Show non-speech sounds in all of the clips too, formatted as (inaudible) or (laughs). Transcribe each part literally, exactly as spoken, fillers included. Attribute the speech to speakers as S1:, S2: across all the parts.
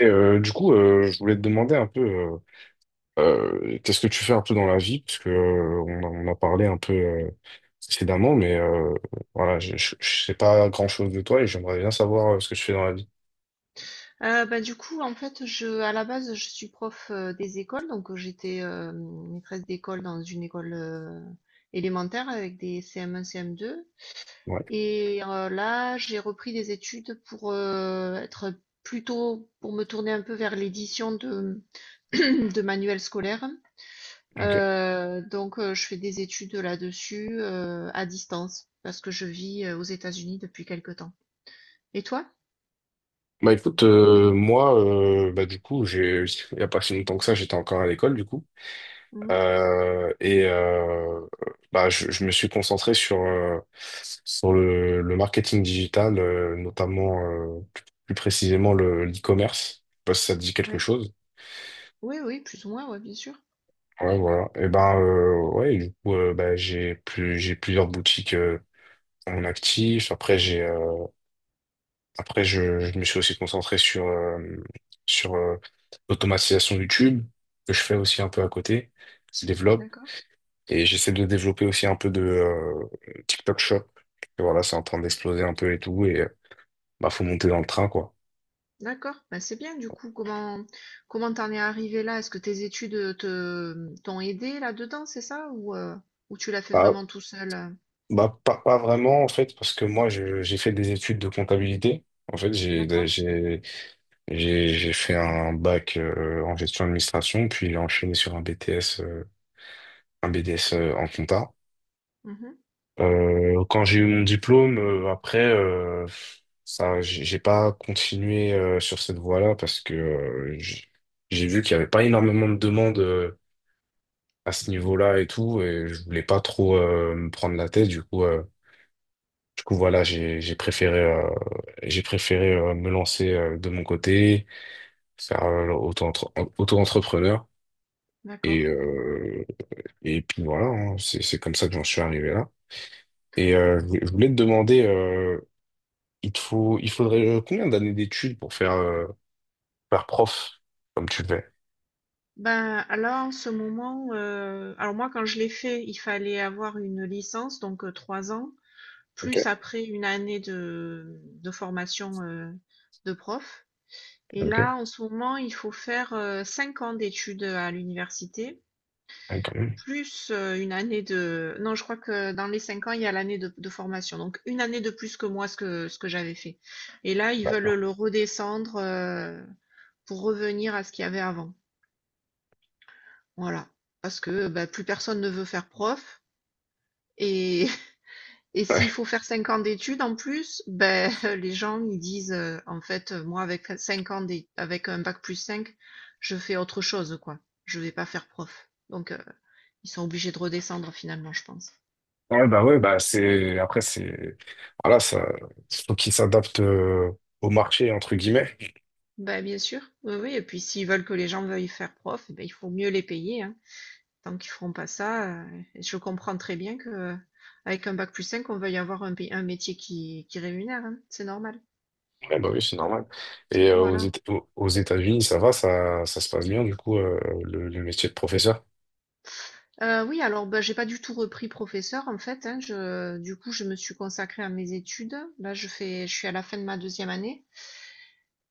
S1: Et, euh, du coup, euh, je voulais te demander un peu, euh, euh, qu'est-ce que tu fais un peu dans la vie, parce que euh, on, a on a parlé un peu, euh, précédemment, mais, euh, voilà, je, je, je sais pas grand-chose de toi et j'aimerais bien savoir, euh, ce que tu fais dans la vie.
S2: Euh, bah, du coup, en fait, je, à la base, je suis prof euh, des écoles, donc euh, j'étais euh, maîtresse d'école dans une école euh, élémentaire avec des C M un, C M deux.
S1: Ouais,
S2: Et euh, là, j'ai repris des études pour euh, être plutôt, pour me tourner un peu vers l'édition de, (clears throat) de manuels scolaires.
S1: ok.
S2: Euh, donc, euh, je fais des études là-dessus euh, à distance parce que je vis euh, aux États-Unis depuis quelque temps. Et toi?
S1: Bah écoute, euh, moi, euh, bah du coup, j'ai, il y a pas si longtemps que ça, j'étais encore à l'école, du coup.
S2: Mhm.
S1: Euh, et, euh, bah, je, je me suis concentré sur, euh, sur le, le marketing digital, euh, notamment, euh, plus, plus précisément le, l'e-commerce. Je sais pas si ça te dit quelque
S2: Ouais.
S1: chose.
S2: Oui, oui, plus ou moins, ouais, bien sûr.
S1: Ouais, voilà. Et ben, euh, ouais, du coup, euh, bah, j'ai plus, j'ai plusieurs boutiques, euh, en actif. Après, j'ai euh, après je, je me suis aussi concentré sur, euh, sur euh, l'automatisation YouTube, que je fais aussi un peu à côté, qui se développe.
S2: D'accord.
S1: Et j'essaie de développer aussi un peu de, euh, TikTok Shop. Et voilà, c'est en train d'exploser un peu et tout. Et, euh, bah, faut monter dans le train, quoi.
S2: D'accord, bah, c'est bien du coup. Comment comment t'en es arrivé là? Est-ce que tes études euh, te t'ont aidé là-dedans, c'est ça? Ou, euh, ou tu l'as fait
S1: Bah,
S2: vraiment tout seul? euh
S1: bah, pas, pas vraiment, en fait, parce que moi, je- j'ai fait des études de comptabilité. En fait, j'ai
S2: D'accord.
S1: j'ai j'ai j'ai fait un bac, euh, en gestion d'administration, puis j'ai enchaîné sur un B T S, euh, un B D S, euh, en compta.
S2: Mhm,
S1: Euh, quand j'ai eu mon diplôme, euh, après, euh, ça, j'ai j'ai pas continué, euh, sur cette voie-là parce que, euh, j- j'ai vu qu'il y avait pas énormément de demandes, euh, à ce niveau-là et tout, et je voulais pas trop, euh, me prendre la tête. Du coup, euh, du coup, voilà, j'ai j'ai préféré, euh, j'ai préféré, euh, me lancer, euh, de mon côté, faire, euh, auto-entre- auto-entrepreneur, et
S2: d'accord.
S1: euh, et puis voilà, hein, c'est c'est comme ça que j'en suis arrivé là. Et, euh, je voulais je voulais te demander, euh, Il te faut, il faudrait, euh, combien d'années d'études pour faire, euh, faire prof comme tu le fais?
S2: Ben là, en ce moment, euh, alors moi quand je l'ai fait, il fallait avoir une licence, donc euh, trois ans, plus
S1: Ok,
S2: après une année de, de formation euh, de prof. Et
S1: ok.
S2: là, en ce moment, il faut faire euh, cinq ans d'études à l'université.
S1: Ouais, quand même.
S2: Plus, heu, une année de non, je crois que dans les cinq ans, il y a l'année de de formation, donc une année de plus que moi, ce que ce que j'avais fait et là, ils veulent
S1: D'accord.
S2: le redescendre, heu, pour revenir à ce qu'il y avait avant. Voilà, parce que, bah, plus personne ne veut faire prof et (laughs) et s'il
S1: Ouais.
S2: faut faire cinq ans d'études en plus, ben, (laughs) les gens, ils disent, heu: «En fait, euh, moi, avec cinq ans d'é avec un bac plus cinq je fais autre chose, quoi. Je vais pas faire prof», donc heu, ils sont obligés de redescendre finalement, je pense.
S1: Ouais, bah ouais, bah c'est. Après, c'est. Voilà, ça. Faut qu'ils s'adaptent, euh, au marché, entre guillemets.
S2: Bah, bien sûr, oui, oui, et puis s'ils veulent que les gens veuillent faire prof, eh ben, il faut mieux les payer, hein. Tant qu'ils feront pas ça, euh, je comprends très bien que euh, avec un bac plus cinq on veuille avoir un, pay- un métier qui, qui rémunère, hein. C'est normal.
S1: Ouais, bah oui, c'est normal. Et, euh, aux
S2: Voilà.
S1: Éta- aux aux États-Unis, ça va, ça, ça se passe bien, du coup, euh, le, le métier de professeur.
S2: Euh, oui, alors bah, j'ai pas du tout repris professeur en fait. Hein. Je, du coup, je me suis consacrée à mes études. Là, je fais, je suis à la fin de ma deuxième année.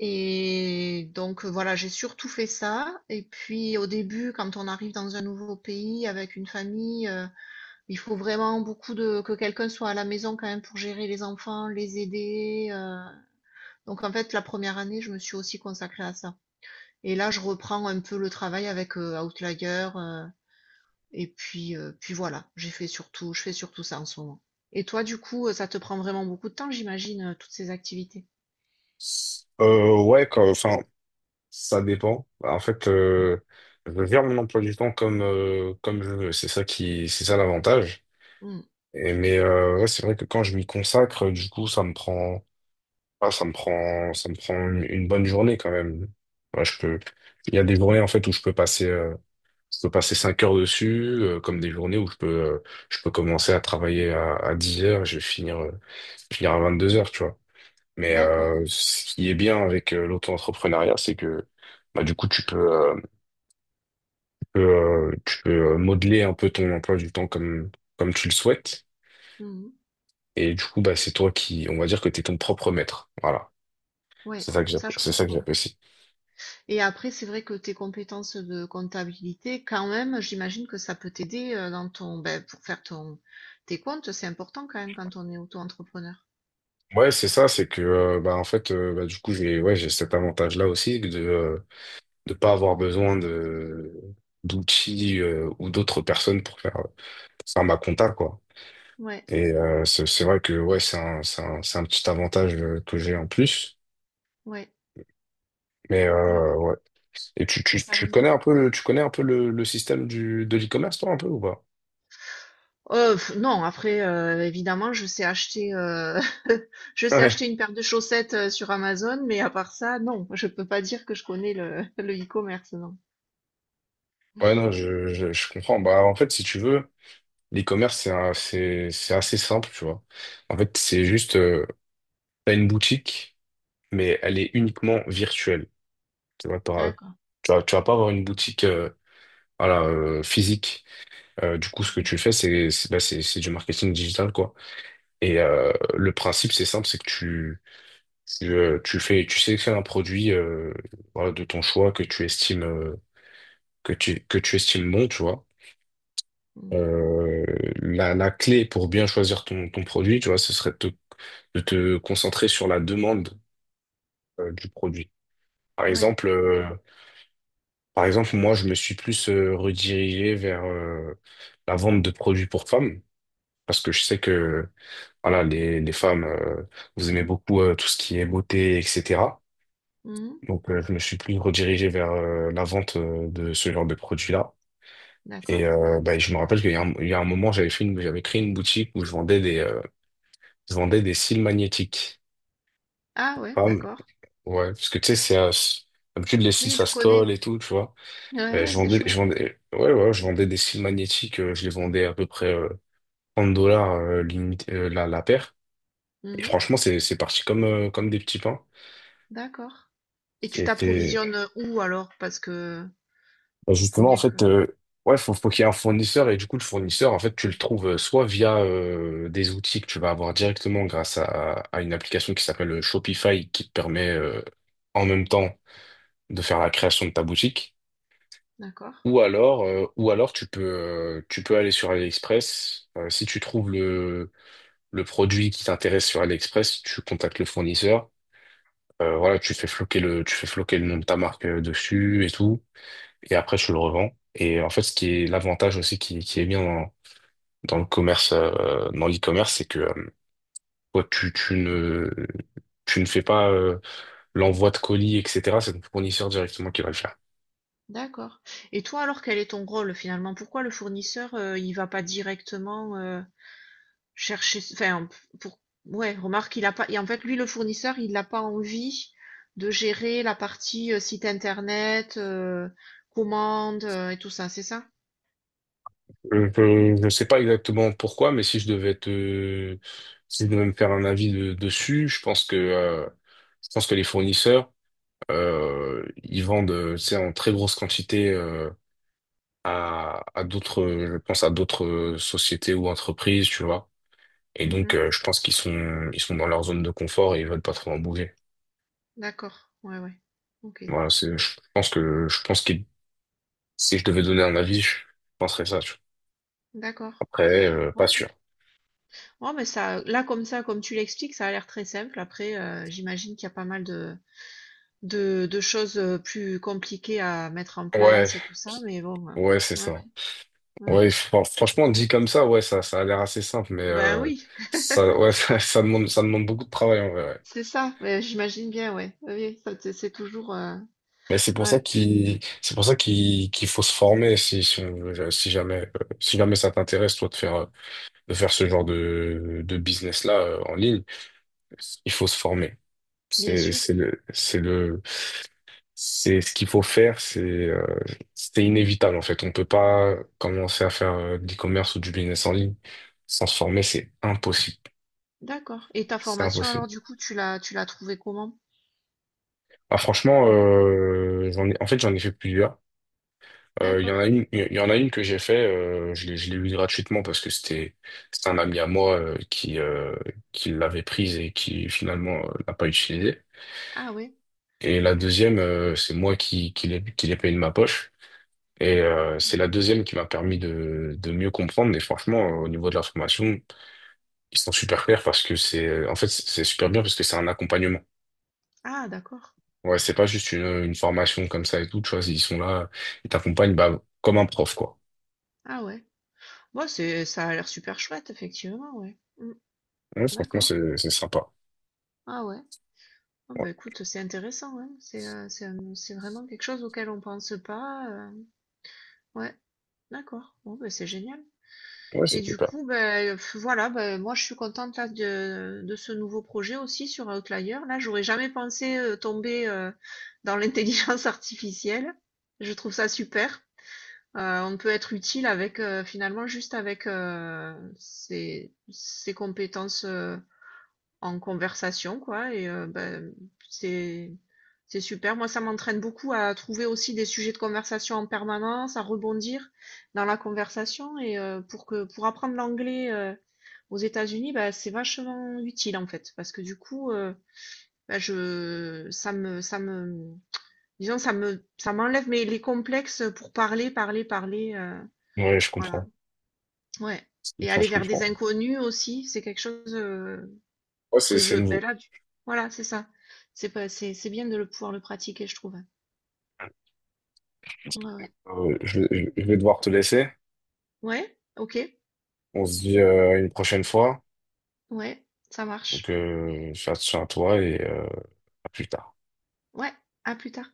S2: Et donc euh, voilà, j'ai surtout fait ça. Et puis au début, quand on arrive dans un nouveau pays avec une famille, euh, il faut vraiment beaucoup de que quelqu'un soit à la maison quand même pour gérer les enfants, les aider. euh. Donc en fait, la première année, je me suis aussi consacrée à ça. Et là, je reprends un peu le travail avec euh, Outlier. Euh, et puis, euh, puis Voilà, j'ai fait surtout, je fais surtout ça en ce moment. Et toi, du coup, euh, ça te prend vraiment beaucoup de temps, j'imagine, euh, toutes ces activités.
S1: Euh, ouais, quand- enfin, ça dépend. Bah, En fait, euh, je gère mon emploi du temps comme, euh, comme je veux. C'est ça qui, c'est ça l'avantage.
S2: Hmm,
S1: Et, mais euh, ouais, c'est vrai que quand je m'y consacre, du coup, ça me prend, ah, ça me prend, ça me prend une, une bonne journée quand même. Ouais, je peux, il y a des journées en fait où je peux passer, euh, je peux passer cinq heures dessus, euh, comme des journées où je peux, euh, je peux commencer à travailler à, à 10 heures, je vais finir, euh, finir à vingt-deux heures, tu vois. Mais,
S2: d'accord.
S1: euh, ce qui est bien avec, euh, l'auto-entrepreneuriat, c'est que bah, du coup, tu peux, euh, tu peux, euh, tu peux, euh, modeler un peu ton emploi du temps comme, comme tu le souhaites.
S2: Hmm,
S1: Et du coup, bah, c'est toi qui, on va dire que tu es ton propre maître. Voilà.
S2: ouais,
S1: C'est ça que j'app-
S2: ça je
S1: c'est ça que
S2: comprends.
S1: j'apprécie.
S2: Et après, c'est vrai que tes compétences de comptabilité, quand même, j'imagine que ça peut t'aider euh, dans ton, ben, pour faire ton, tes comptes, c'est important quand même quand on est auto-entrepreneur.
S1: Ouais, c'est ça, c'est que, euh, bah en fait, euh, bah, du coup j'ai, ouais, j'ai cet avantage-là aussi de euh, de pas avoir besoin de d'outils, euh, ou d'autres personnes pour faire pour faire ma compta, quoi.
S2: Ouais,
S1: Et, euh, c'est c'est vrai que ouais, c'est un c'est un c'est un petit avantage, euh, que j'ai en plus.
S2: ouais,
S1: Mais,
S2: ouais,
S1: euh,
S2: oui,
S1: ouais. Et tu tu tu
S2: carrément.
S1: connais un peu le, tu connais un peu le, le système du de l'e-commerce, toi, un peu ou pas?
S2: Euh, pff, non, après, euh, évidemment, je sais acheter, euh, (laughs) je sais acheter
S1: (laughs)
S2: une paire de chaussettes euh, sur Amazon, mais à part ça, non, je peux pas dire que je connais le, (laughs) le e-commerce, non.
S1: Ouais, non, je, je, je comprends. Bah, en fait, si tu veux, l'e-commerce, c'est un- c'est, c'est assez simple, tu vois. En fait, c'est juste, euh, t'as une boutique, mais elle est uniquement virtuelle. Tu vois, t'auras-
S2: D'accord.
S1: tu vas, tu vas pas avoir une boutique, euh, voilà, euh, physique. Euh, du coup, ce que
S2: Mhm.
S1: tu fais, c'est, c'est, bah, c'est, c'est du marketing digital, quoi. Et, euh, le principe, c'est simple, c'est que tu, tu, euh, tu fais, tu sélectionnes un produit, euh, voilà, de ton choix que tu estimes, euh, que tu, que tu estimes bon, tu vois.
S2: Mhm.
S1: Euh, la, la clé pour bien choisir ton, ton produit, tu vois, ce serait de te, de te concentrer sur la demande, euh, du produit. Par
S2: Ouais.
S1: exemple, euh, Par exemple, moi, je me suis plus, euh, redirigé vers, euh, la vente de produits pour femmes parce que je sais que voilà, les, les femmes, euh, vous aimez beaucoup, euh, tout ce qui est beauté, et cetera.
S2: Mhm.
S1: Donc, euh, je me suis plus redirigé vers, euh, la vente, euh, de ce genre de produits-là. Et,
S2: D'accord.
S1: euh, bah, je me rappelle qu'il y a un, il y a un moment, j'avais fait une, j'avais créé une boutique où je vendais des, euh, je vendais des cils magnétiques.
S2: Ah ouais,
S1: Ah, mais-
S2: d'accord.
S1: ouais, parce que tu sais, c'est un- c'est- d'habitude les cils
S2: Oui,
S1: ça
S2: je
S1: se
S2: connais.
S1: colle et tout, tu vois.
S2: Ouais,
S1: Mais
S2: ouais,
S1: je
S2: c'est
S1: vendais, je
S2: chouette.
S1: vendais, ouais, ouais, je vendais des cils magnétiques, euh, je les vendais à peu près, euh, trente dollars, euh, limite, euh, la, la paire. Et
S2: Mhm.
S1: franchement, c'est c'est parti comme euh, comme des petits pains.
S2: D'accord. Et tu
S1: Et c'est-
S2: t'approvisionnes où alors? Parce que
S1: Bah,
S2: faut
S1: justement en
S2: bien que.
S1: fait, euh, ouais, faut faut qu'il y ait un fournisseur et du coup le fournisseur en fait tu le trouves, euh, soit via, euh, des outils que tu vas avoir directement grâce à à une application qui s'appelle, euh, Shopify, qui te permet, euh, en même temps, de faire la création de ta boutique.
S2: D'accord,
S1: Ou alors, euh, ou alors tu peux, euh, tu peux aller sur AliExpress. Euh, si tu trouves le, le produit qui t'intéresse sur AliExpress, tu contactes le fournisseur. Euh, voilà, tu fais floquer le, tu fais floquer le nom de ta marque, euh, dessus et tout. Et après, tu le revends. Et en fait, ce qui est l'avantage aussi qui, qui est bien dans, dans le commerce, euh, dans l'e-commerce, c'est que, euh, toi, tu, tu ne, tu ne fais pas, euh, l'envoi de colis, et cetera. C'est ton fournisseur directement qui va le faire.
S2: d'accord. Et toi alors, quel est ton rôle finalement? Pourquoi le fournisseur euh, il va pas directement euh, chercher, enfin p- pour, ouais, remarque il a pas. Et en fait, lui le fournisseur il n'a pas envie de gérer la partie euh, site internet, euh, commande euh, et tout ça, c'est ça?
S1: Je ne sais pas exactement pourquoi, mais si je devais te, si je devais me faire un avis, de- dessus, je pense que, euh, je pense que les fournisseurs, euh, ils vendent, euh, tu sais, en très grosse quantité, euh, à, à d'autres, euh, je pense à d'autres, euh, sociétés ou entreprises, tu vois. Et donc,
S2: Mmh
S1: euh, je pense qu'ils sont, ils sont dans leur zone de confort et ils veulent pas trop en bouger.
S2: d'accord. Ouais, ouais. OK.
S1: Voilà, c'est, je pense que, je pense que si je devais donner un avis, je penserais ça, tu vois.
S2: D'accord.
S1: Après, euh, pas
S2: Ouais.
S1: sûr.
S2: Ouais, mais ça là, comme ça, comme tu l'expliques, ça a l'air très simple. Après, heu, j'imagine qu'il y a pas mal de de de choses, heu, plus compliquées à mettre en
S1: Ouais,
S2: place et tout ça, mais bon, heu,
S1: ouais, c'est
S2: ouais,
S1: ça.
S2: ouais. Ouais.
S1: Ouais, fran- franchement, dit comme ça, ouais, ça, ça a l'air assez simple, mais,
S2: Ben
S1: euh,
S2: oui.
S1: ça,
S2: (laughs)
S1: ouais, (laughs) ça, ça demande, ça demande beaucoup de travail en vrai, ouais.
S2: C'est ça, ouais, j'imagine bien, ouais. Oui, oui, ça, c'est c'est toujours, euh,
S1: Mais c'est pour ça
S2: ouais,
S1: qu'il, c'est pour ça qu'il, qu'il faut se former, si, si, on- si jamais, euh, si jamais ça t'intéresse, toi, de faire, euh, de faire ce genre de, de business-là, euh, en ligne, il faut se former.
S2: bien
S1: C'est,
S2: sûr.
S1: c'est le, c'est le, c'est ce qu'il faut faire. C'est, euh, c'est inévitable en fait. On peut pas commencer à faire, euh, de l'e-commerce ou du business en ligne sans se former. C'est impossible.
S2: D'accord. Et ta
S1: C'est
S2: formation,
S1: impossible.
S2: alors, du coup, tu l'as, tu l'as trouvée comment?
S1: Ah, franchement,
S2: Mm.
S1: euh, j'en ai, en fait, j'en ai fait plusieurs. Euh, Il y
S2: D'accord.
S1: en a une, il y en a une que j'ai fait, euh, je l'ai, je l'ai eue gratuitement parce que c'était, c'était un ami à moi, euh, qui, euh, qui l'avait prise et qui finalement, euh, l'a pas utilisée.
S2: Ah ouais.
S1: Et la deuxième, euh, c'est moi qui, qui l'ai, qui l'ai payée de ma poche. Et, euh, c'est la deuxième qui m'a permis de, de mieux comprendre. Et franchement, euh, au niveau de la formation, ils sont super clairs parce que c'est, en fait, c'est super bien parce que c'est un accompagnement.
S2: Ah d'accord.
S1: Ouais, c'est pas juste une, une formation comme ça et tout, tu vois, ils sont là, ils t'accompagnent, bah, comme un prof, quoi.
S2: Ah ouais. Moi, c'est, ça a l'air super chouette, effectivement, ouais. Mm.
S1: Ouais, franchement,
S2: D'accord.
S1: c'est c'est sympa.
S2: Ah ouais. Ah
S1: Ouais,
S2: bah écoute, c'est intéressant, hein. C'est, euh, c'est, un- c'est vraiment quelque chose auquel on pense pas. euh. Ouais. D'accord. Bon, bah, c'est génial.
S1: ouais, c'est
S2: Et du
S1: super.
S2: coup, ben f voilà, ben moi je suis contente là de de ce nouveau projet aussi sur Outlier là. J'aurais jamais pensé, heu, tomber, heu, dans l'intelligence (laughs) artificielle. Je trouve ça super. Heu, on peut être utile avec, heu, finalement juste avec, heu, ses ses compétences, heu en conversation, quoi. Et euh, ben, c'est c'est super. Moi, ça m'entraîne beaucoup à trouver aussi des sujets de conversation en permanence, à rebondir dans la conversation. Et euh, pour que pour apprendre l'anglais euh, aux États-Unis, ben, c'est vachement utile en fait, parce que du coup, euh, ben, je ça me ça me disons ça me ça m'enlève mes les complexes pour parler, parler, parler. euh,
S1: Ouais, je
S2: voilà.
S1: comprends.
S2: Ouais.
S1: Je
S2: Et
S1: comprends,
S2: aller
S1: je
S2: vers des
S1: comprends.
S2: inconnus aussi, c'est quelque chose. Euh,
S1: Ouais, c'est
S2: que
S1: c'est
S2: je ben
S1: nouveau.
S2: là du voilà, c'est ça. C'est pas c'est c'est bien de le pouvoir le pratiquer, je trouve. Ouais, ouais.
S1: Euh, je, vais je vais devoir te laisser.
S2: Ouais, OK.
S1: On se dit, euh, une prochaine fois.
S2: Ouais, ça
S1: Donc,
S2: marche.
S1: euh, fais attention à toi et, euh, à plus tard.
S2: Ouais, à plus tard.